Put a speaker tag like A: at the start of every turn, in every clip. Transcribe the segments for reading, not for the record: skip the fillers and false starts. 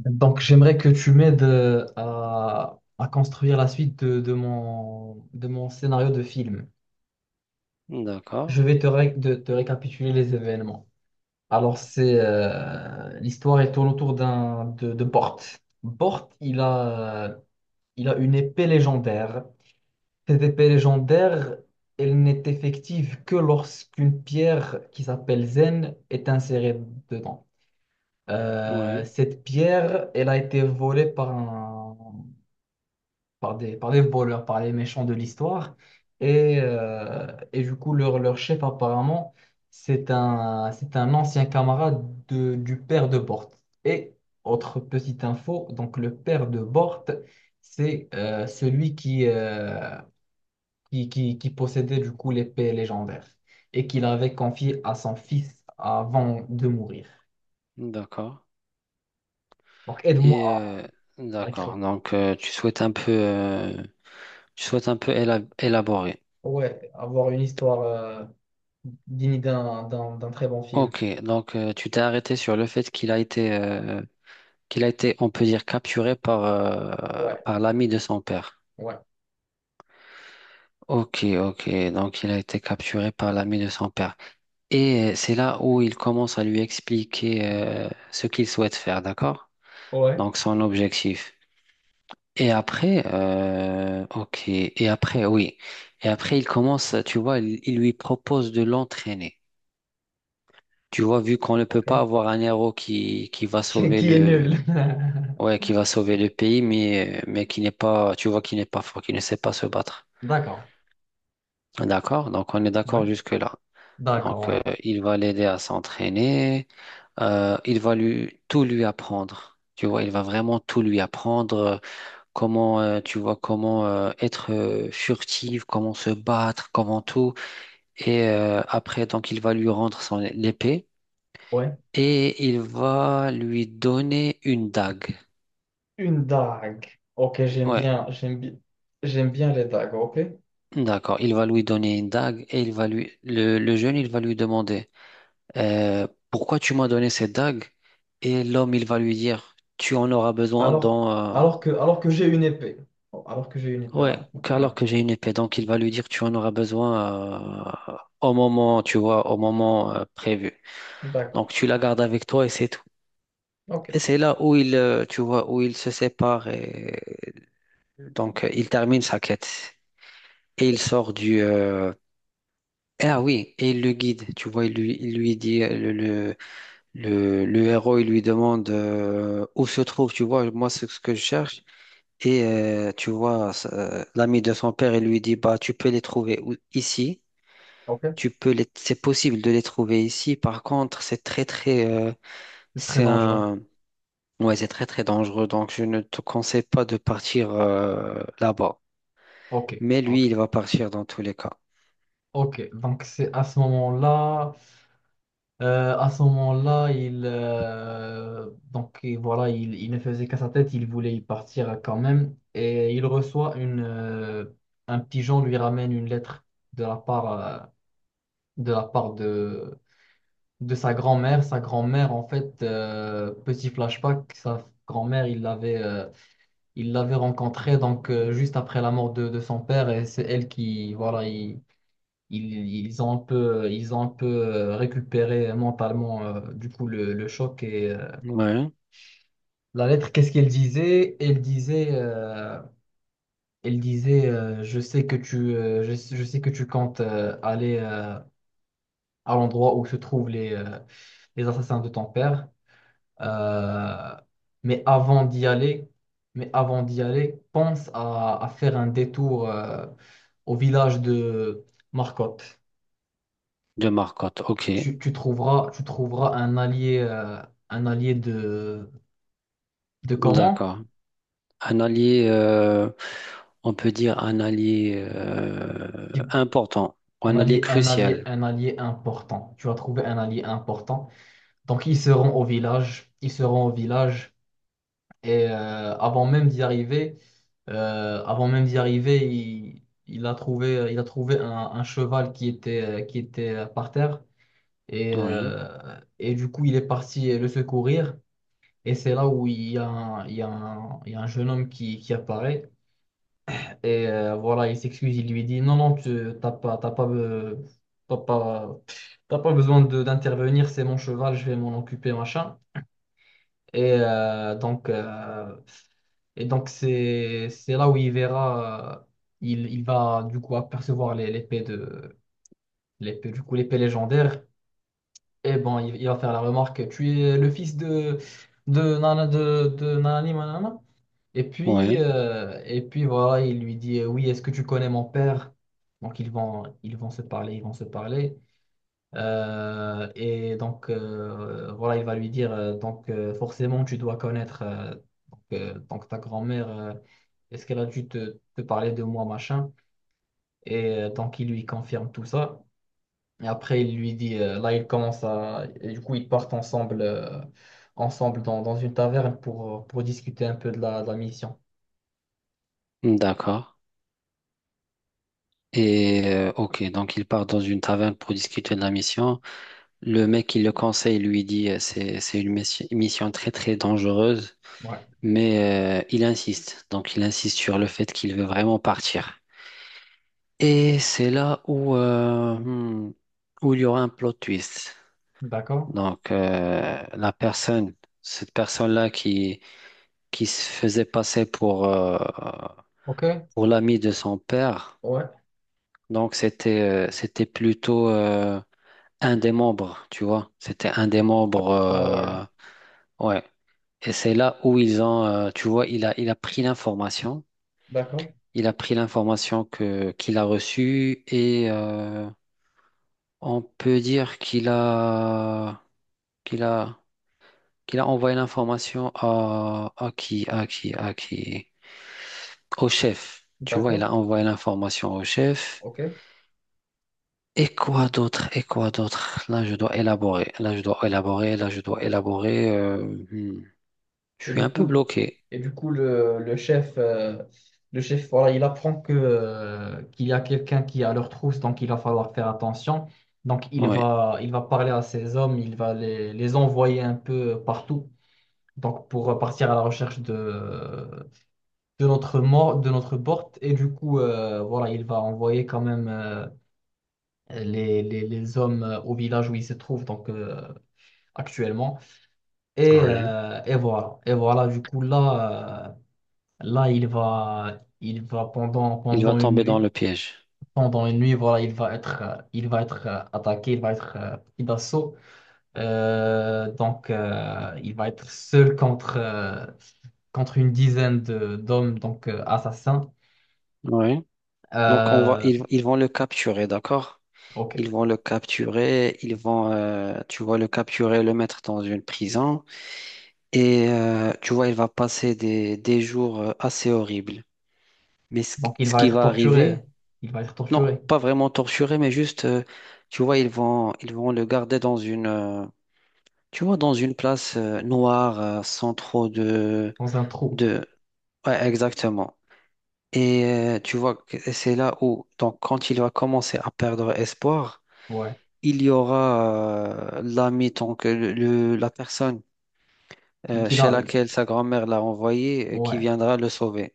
A: Donc, j'aimerais que tu m'aides à construire la suite de mon scénario de film.
B: D'accord,
A: Je vais te récapituler les événements. Alors, c'est l'histoire elle tourne autour de Bort. Bort, il a, il a une épée légendaire. Cette épée légendaire, elle n'est effective que lorsqu'une pierre qui s'appelle Zen est insérée dedans.
B: oui,
A: Cette pierre, elle a été volée par par des voleurs, par les méchants de l'histoire. Et du coup, leur chef, apparemment, c'est un ancien camarade du père de Bort. Et autre petite info, donc le père de Bort, c'est celui qui possédait du coup l'épée légendaire et qu'il avait confiée à son fils avant de mourir.
B: d'accord.
A: Donc
B: Et
A: aide-moi
B: euh,
A: à écrire.
B: d'accord, donc tu souhaites un peu, tu souhaites un peu élaborer.
A: Ouais, avoir une histoire digne d'un très bon film.
B: Ok, donc tu t'es arrêté sur le fait qu'il a été, on peut dire, capturé par,
A: Ouais,
B: par l'ami de son père.
A: ouais.
B: Ok, ok, donc il a été capturé par l'ami de son père. Et c'est là où il commence à lui expliquer ce qu'il souhaite faire, d'accord?
A: Ouais,
B: Donc son objectif. Et après, ok. Et après, oui. Et après, il commence, tu vois, il lui propose de l'entraîner. Tu vois, vu qu'on ne peut
A: ok.
B: pas avoir un héros qui va
A: qui
B: sauver
A: qui est
B: le,
A: nul.
B: ouais, qui va sauver le pays, mais qui n'est pas, tu vois, qui n'est pas fort, qui ne sait pas se battre.
A: D'accord.
B: D'accord? Donc, on est
A: Ouais.
B: d'accord jusque-là.
A: D'accord,
B: Donc,
A: ouais.
B: il va l'aider à s'entraîner. Il va lui, tout lui apprendre. Tu vois, il va vraiment tout lui apprendre comment tu vois comment être furtive, comment se battre, comment tout. Et après, donc, il va lui rendre son épée
A: Ouais.
B: et il va lui donner une dague.
A: Une dague. Ok,
B: Ouais,
A: j'aime bien les dagues, ok?
B: d'accord. Il va lui donner une dague et il va lui le jeune, il va lui demander pourquoi tu m'as donné cette dague? Et l'homme, il va lui dire tu en auras besoin
A: Alors,
B: dans
A: alors que j'ai une épée. Oh, alors que j'ai une épée, ouais.
B: ouais.
A: Ouais.
B: Alors que j'ai une épée, donc il va lui dire tu en auras besoin au moment, tu vois, au moment prévu.
A: D'accord.
B: Donc tu la gardes avec toi et c'est tout.
A: Ok.
B: Et c'est là où il, tu vois, où il se sépare et donc il termine sa quête et il sort du. Ah oui, et il le guide. Tu vois, il lui dit le héros, il lui demande où se trouve. Tu vois, moi c'est ce que je cherche. Et tu vois, ça, l'ami de son père, il lui dit bah tu peux les ici.
A: Ok.
B: Tu peux les, c'est possible de les trouver ici. Par contre, c'est très très,
A: C'est très
B: c'est
A: dangereux.
B: un ouais, c'est très très dangereux, donc je ne te conseille pas de partir là-bas.
A: Ok.
B: Mais
A: Ok.
B: lui, il va partir dans tous les cas.
A: Ok. Donc c'est à ce moment-là. À ce moment-là, et voilà, il ne faisait qu'à sa tête, il voulait y partir quand même. Et il reçoit un pigeon lui ramène une lettre de la part, de la part de, de sa grand-mère. Sa grand-mère, en fait, petit flashback, sa grand-mère, il l'avait rencontrée donc, juste après la mort de son père, et c'est elle qui, voilà, ils, ils ont un peu, récupéré mentalement du coup le choc. et euh,
B: Ouais,
A: la lettre, qu'est-ce qu'elle disait? Elle disait, je sais que tu, je sais que tu comptes aller à l'endroit où se trouvent les assassins de ton père. Euh, mais avant d'y aller, mais avant d'y aller, pense à faire un détour au village de Marcotte.
B: de Marcotte, ok,
A: Tu trouveras, tu trouveras un allié de comment?
B: d'accord. Un allié, on peut dire un allié
A: Qui-
B: important ou un allié crucial.
A: Un allié important. Tu vas trouver un allié important. Ils seront au village. Et euh, avant même d'y arriver, Avant même d'y arriver, il a trouvé un cheval qui était, par terre. Et,
B: Oui,
A: euh, et du coup, il est parti le secourir. Et c'est là où il y a un jeune homme qui apparaît. Voilà, il s'excuse, il lui dit, non, non, tu t'as pas, t'as pas, t'as pas, t'as pas besoin d'intervenir, c'est mon cheval, je vais m'en occuper, machin. Et euh, donc, euh, et donc c'est là où il verra, il va du coup apercevoir l'épée de, l'épée, du coup, l'épée légendaire. Et bon, il va faire la remarque, tu es le fils de, de nanani, manana. Et puis,
B: oui,
A: euh, et puis voilà, il lui dit, oui, est-ce que tu connais mon père? Ils vont se parler, ils vont se parler. Voilà, il va lui dire, forcément tu dois connaître donc ta grand-mère, est-ce qu'elle a dû te parler de moi, machin? Donc il lui confirme tout ça. Et après il lui dit, là il commence à, et du coup ils partent ensemble, ensemble dans, dans une taverne pour discuter un peu de la mission.
B: d'accord. Et ok, donc il part dans une taverne pour discuter de la mission. Le mec qui le conseille lui dit c'est une mission très très dangereuse,
A: Ouais,
B: mais il insiste. Donc il insiste sur le fait qu'il veut vraiment partir. Et c'est là où où il y aura un plot twist.
A: d'accord.
B: Donc la personne, cette personne-là qui se faisait passer
A: Ok,
B: pour l'ami de son père.
A: ouais,
B: Donc c'était c'était plutôt un des membres, tu vois. C'était un des membres.
A: ah ouais,
B: Ouais. Et c'est là où ils ont, tu vois, il a pris l'information.
A: d'accord,
B: Il a pris l'information que qu'il a reçue et on peut dire qu'il a, qu'il a envoyé l'information à au chef. Tu vois, il
A: d'accord,
B: a envoyé l'information au chef.
A: ok.
B: Et quoi d'autre? Et quoi d'autre? Là, je dois élaborer. Là, je dois élaborer. Là, je dois élaborer. Hmm. Je
A: Et
B: suis
A: du
B: un peu
A: coup,
B: bloqué.
A: et du coup le chef, voilà, il apprend qu'il y a quelqu'un qui est à leur trousse, donc il va falloir faire attention.
B: Oui.
A: Il va parler à ses hommes, il va les envoyer un peu partout, donc pour partir à la recherche de notre mort, de notre porte. Voilà, il va envoyer quand même les hommes au village où ils se trouvent, actuellement.
B: Ouais.
A: Et voilà, du coup, là il va pendant,
B: Il va tomber dans le piège.
A: pendant une nuit, voilà, il va être attaqué, il va être pris d'assaut. Il va être seul contre, contre une dizaine d'hommes, assassins.
B: Oui. Donc on va,
A: Euh,
B: ils vont le capturer, d'accord? Ils
A: ok.
B: vont le capturer, ils vont, tu vois, le capturer, le mettre dans une prison. Et tu vois, il va passer des jours assez horribles. Mais ce,
A: Donc, il
B: ce
A: va
B: qui
A: être
B: va
A: torturé.
B: arriver,
A: Il va être
B: non,
A: torturé
B: pas vraiment torturé, mais juste, tu vois, ils vont le garder dans une, tu vois, dans une place noire, sans trop
A: dans un trou.
B: de, ouais, exactement. Et tu vois que c'est là où, donc, quand il va commencer à perdre espoir,
A: Ouais.
B: il y aura l'ami, donc la personne
A: Qu'il qu'il
B: chez
A: a.
B: laquelle sa grand-mère l'a envoyé, qui
A: Ouais.
B: viendra le sauver.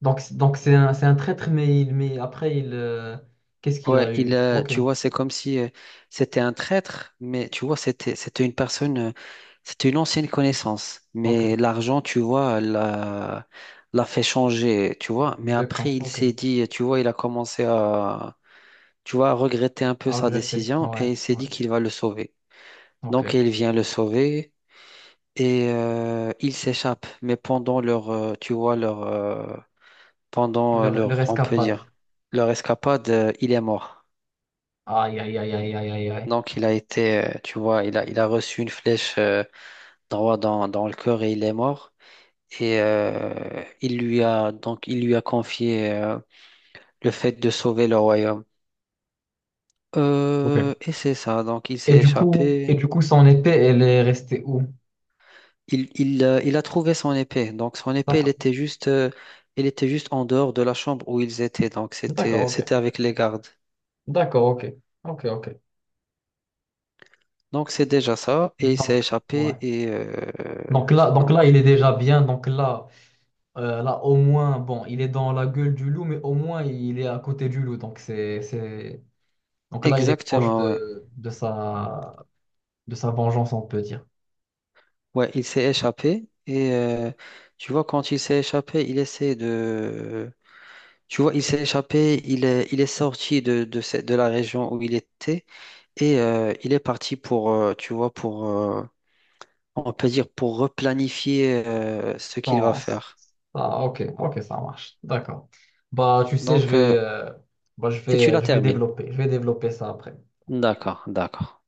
A: Donc, c'est un traître, mais, il, mais après, qu'est-ce qu'il
B: Ouais,
A: a eu? Ok,
B: tu vois, c'est comme si c'était un traître, mais tu vois, c'était une personne, c'était une ancienne connaissance. Mais
A: ok.
B: l'argent, tu vois, l'a fait changer, tu vois. Mais
A: De
B: après,
A: camp,
B: il
A: ok.
B: s'est dit, tu vois, il a commencé à tu vois, regretter un peu
A: À
B: sa
A: regretter,
B: décision
A: ouais,
B: et il s'est
A: ouais,
B: dit qu'il va le sauver. Donc
A: ok.
B: il vient le sauver et il s'échappe. Mais pendant leur, tu vois, leur, pendant
A: Le
B: leur, on peut
A: rescapade.
B: dire, leur escapade, il est mort.
A: Aïe, aïe, aïe, aïe, aïe, aïe, aïe.
B: Donc il a été, tu vois, il a reçu une flèche droit dans, dans le cœur et il est mort. Et il lui a donc il lui a confié le fait de sauver le royaume.
A: Ok.
B: Et c'est ça. Donc il s'est échappé.
A: Son épée, elle est restée où?
B: Il a trouvé son épée. Donc son épée,
A: D'accord,
B: elle était juste en dehors de la chambre où ils étaient. Donc
A: d'accord,
B: c'était,
A: ok.
B: c'était avec les gardes.
A: D'accord, ok. Ok, ok.
B: Donc c'est déjà ça. Et il s'est
A: Donc,
B: échappé.
A: ouais.
B: Et donc
A: Il est déjà bien. Là, au moins, bon, il est dans la gueule du loup, mais au moins, il est à côté du loup. Donc, c'est, donc là, il est proche
B: exactement. Ouais,
A: de sa vengeance, on peut dire.
B: ouais, il s'est échappé. Et tu vois, quand il s'est échappé, il essaie de. Tu vois, il s'est échappé. Il est sorti de, de la région où il était. Et il est parti pour, tu vois, pour, on peut dire pour replanifier ce qu'il va
A: Non, c-
B: faire.
A: Ah, ok, ok, ça marche. D'accord. Bah, tu sais,
B: Donc, et tu la
A: je vais
B: termines.
A: développer. Je vais développer ça après.
B: D'accord, d'accord.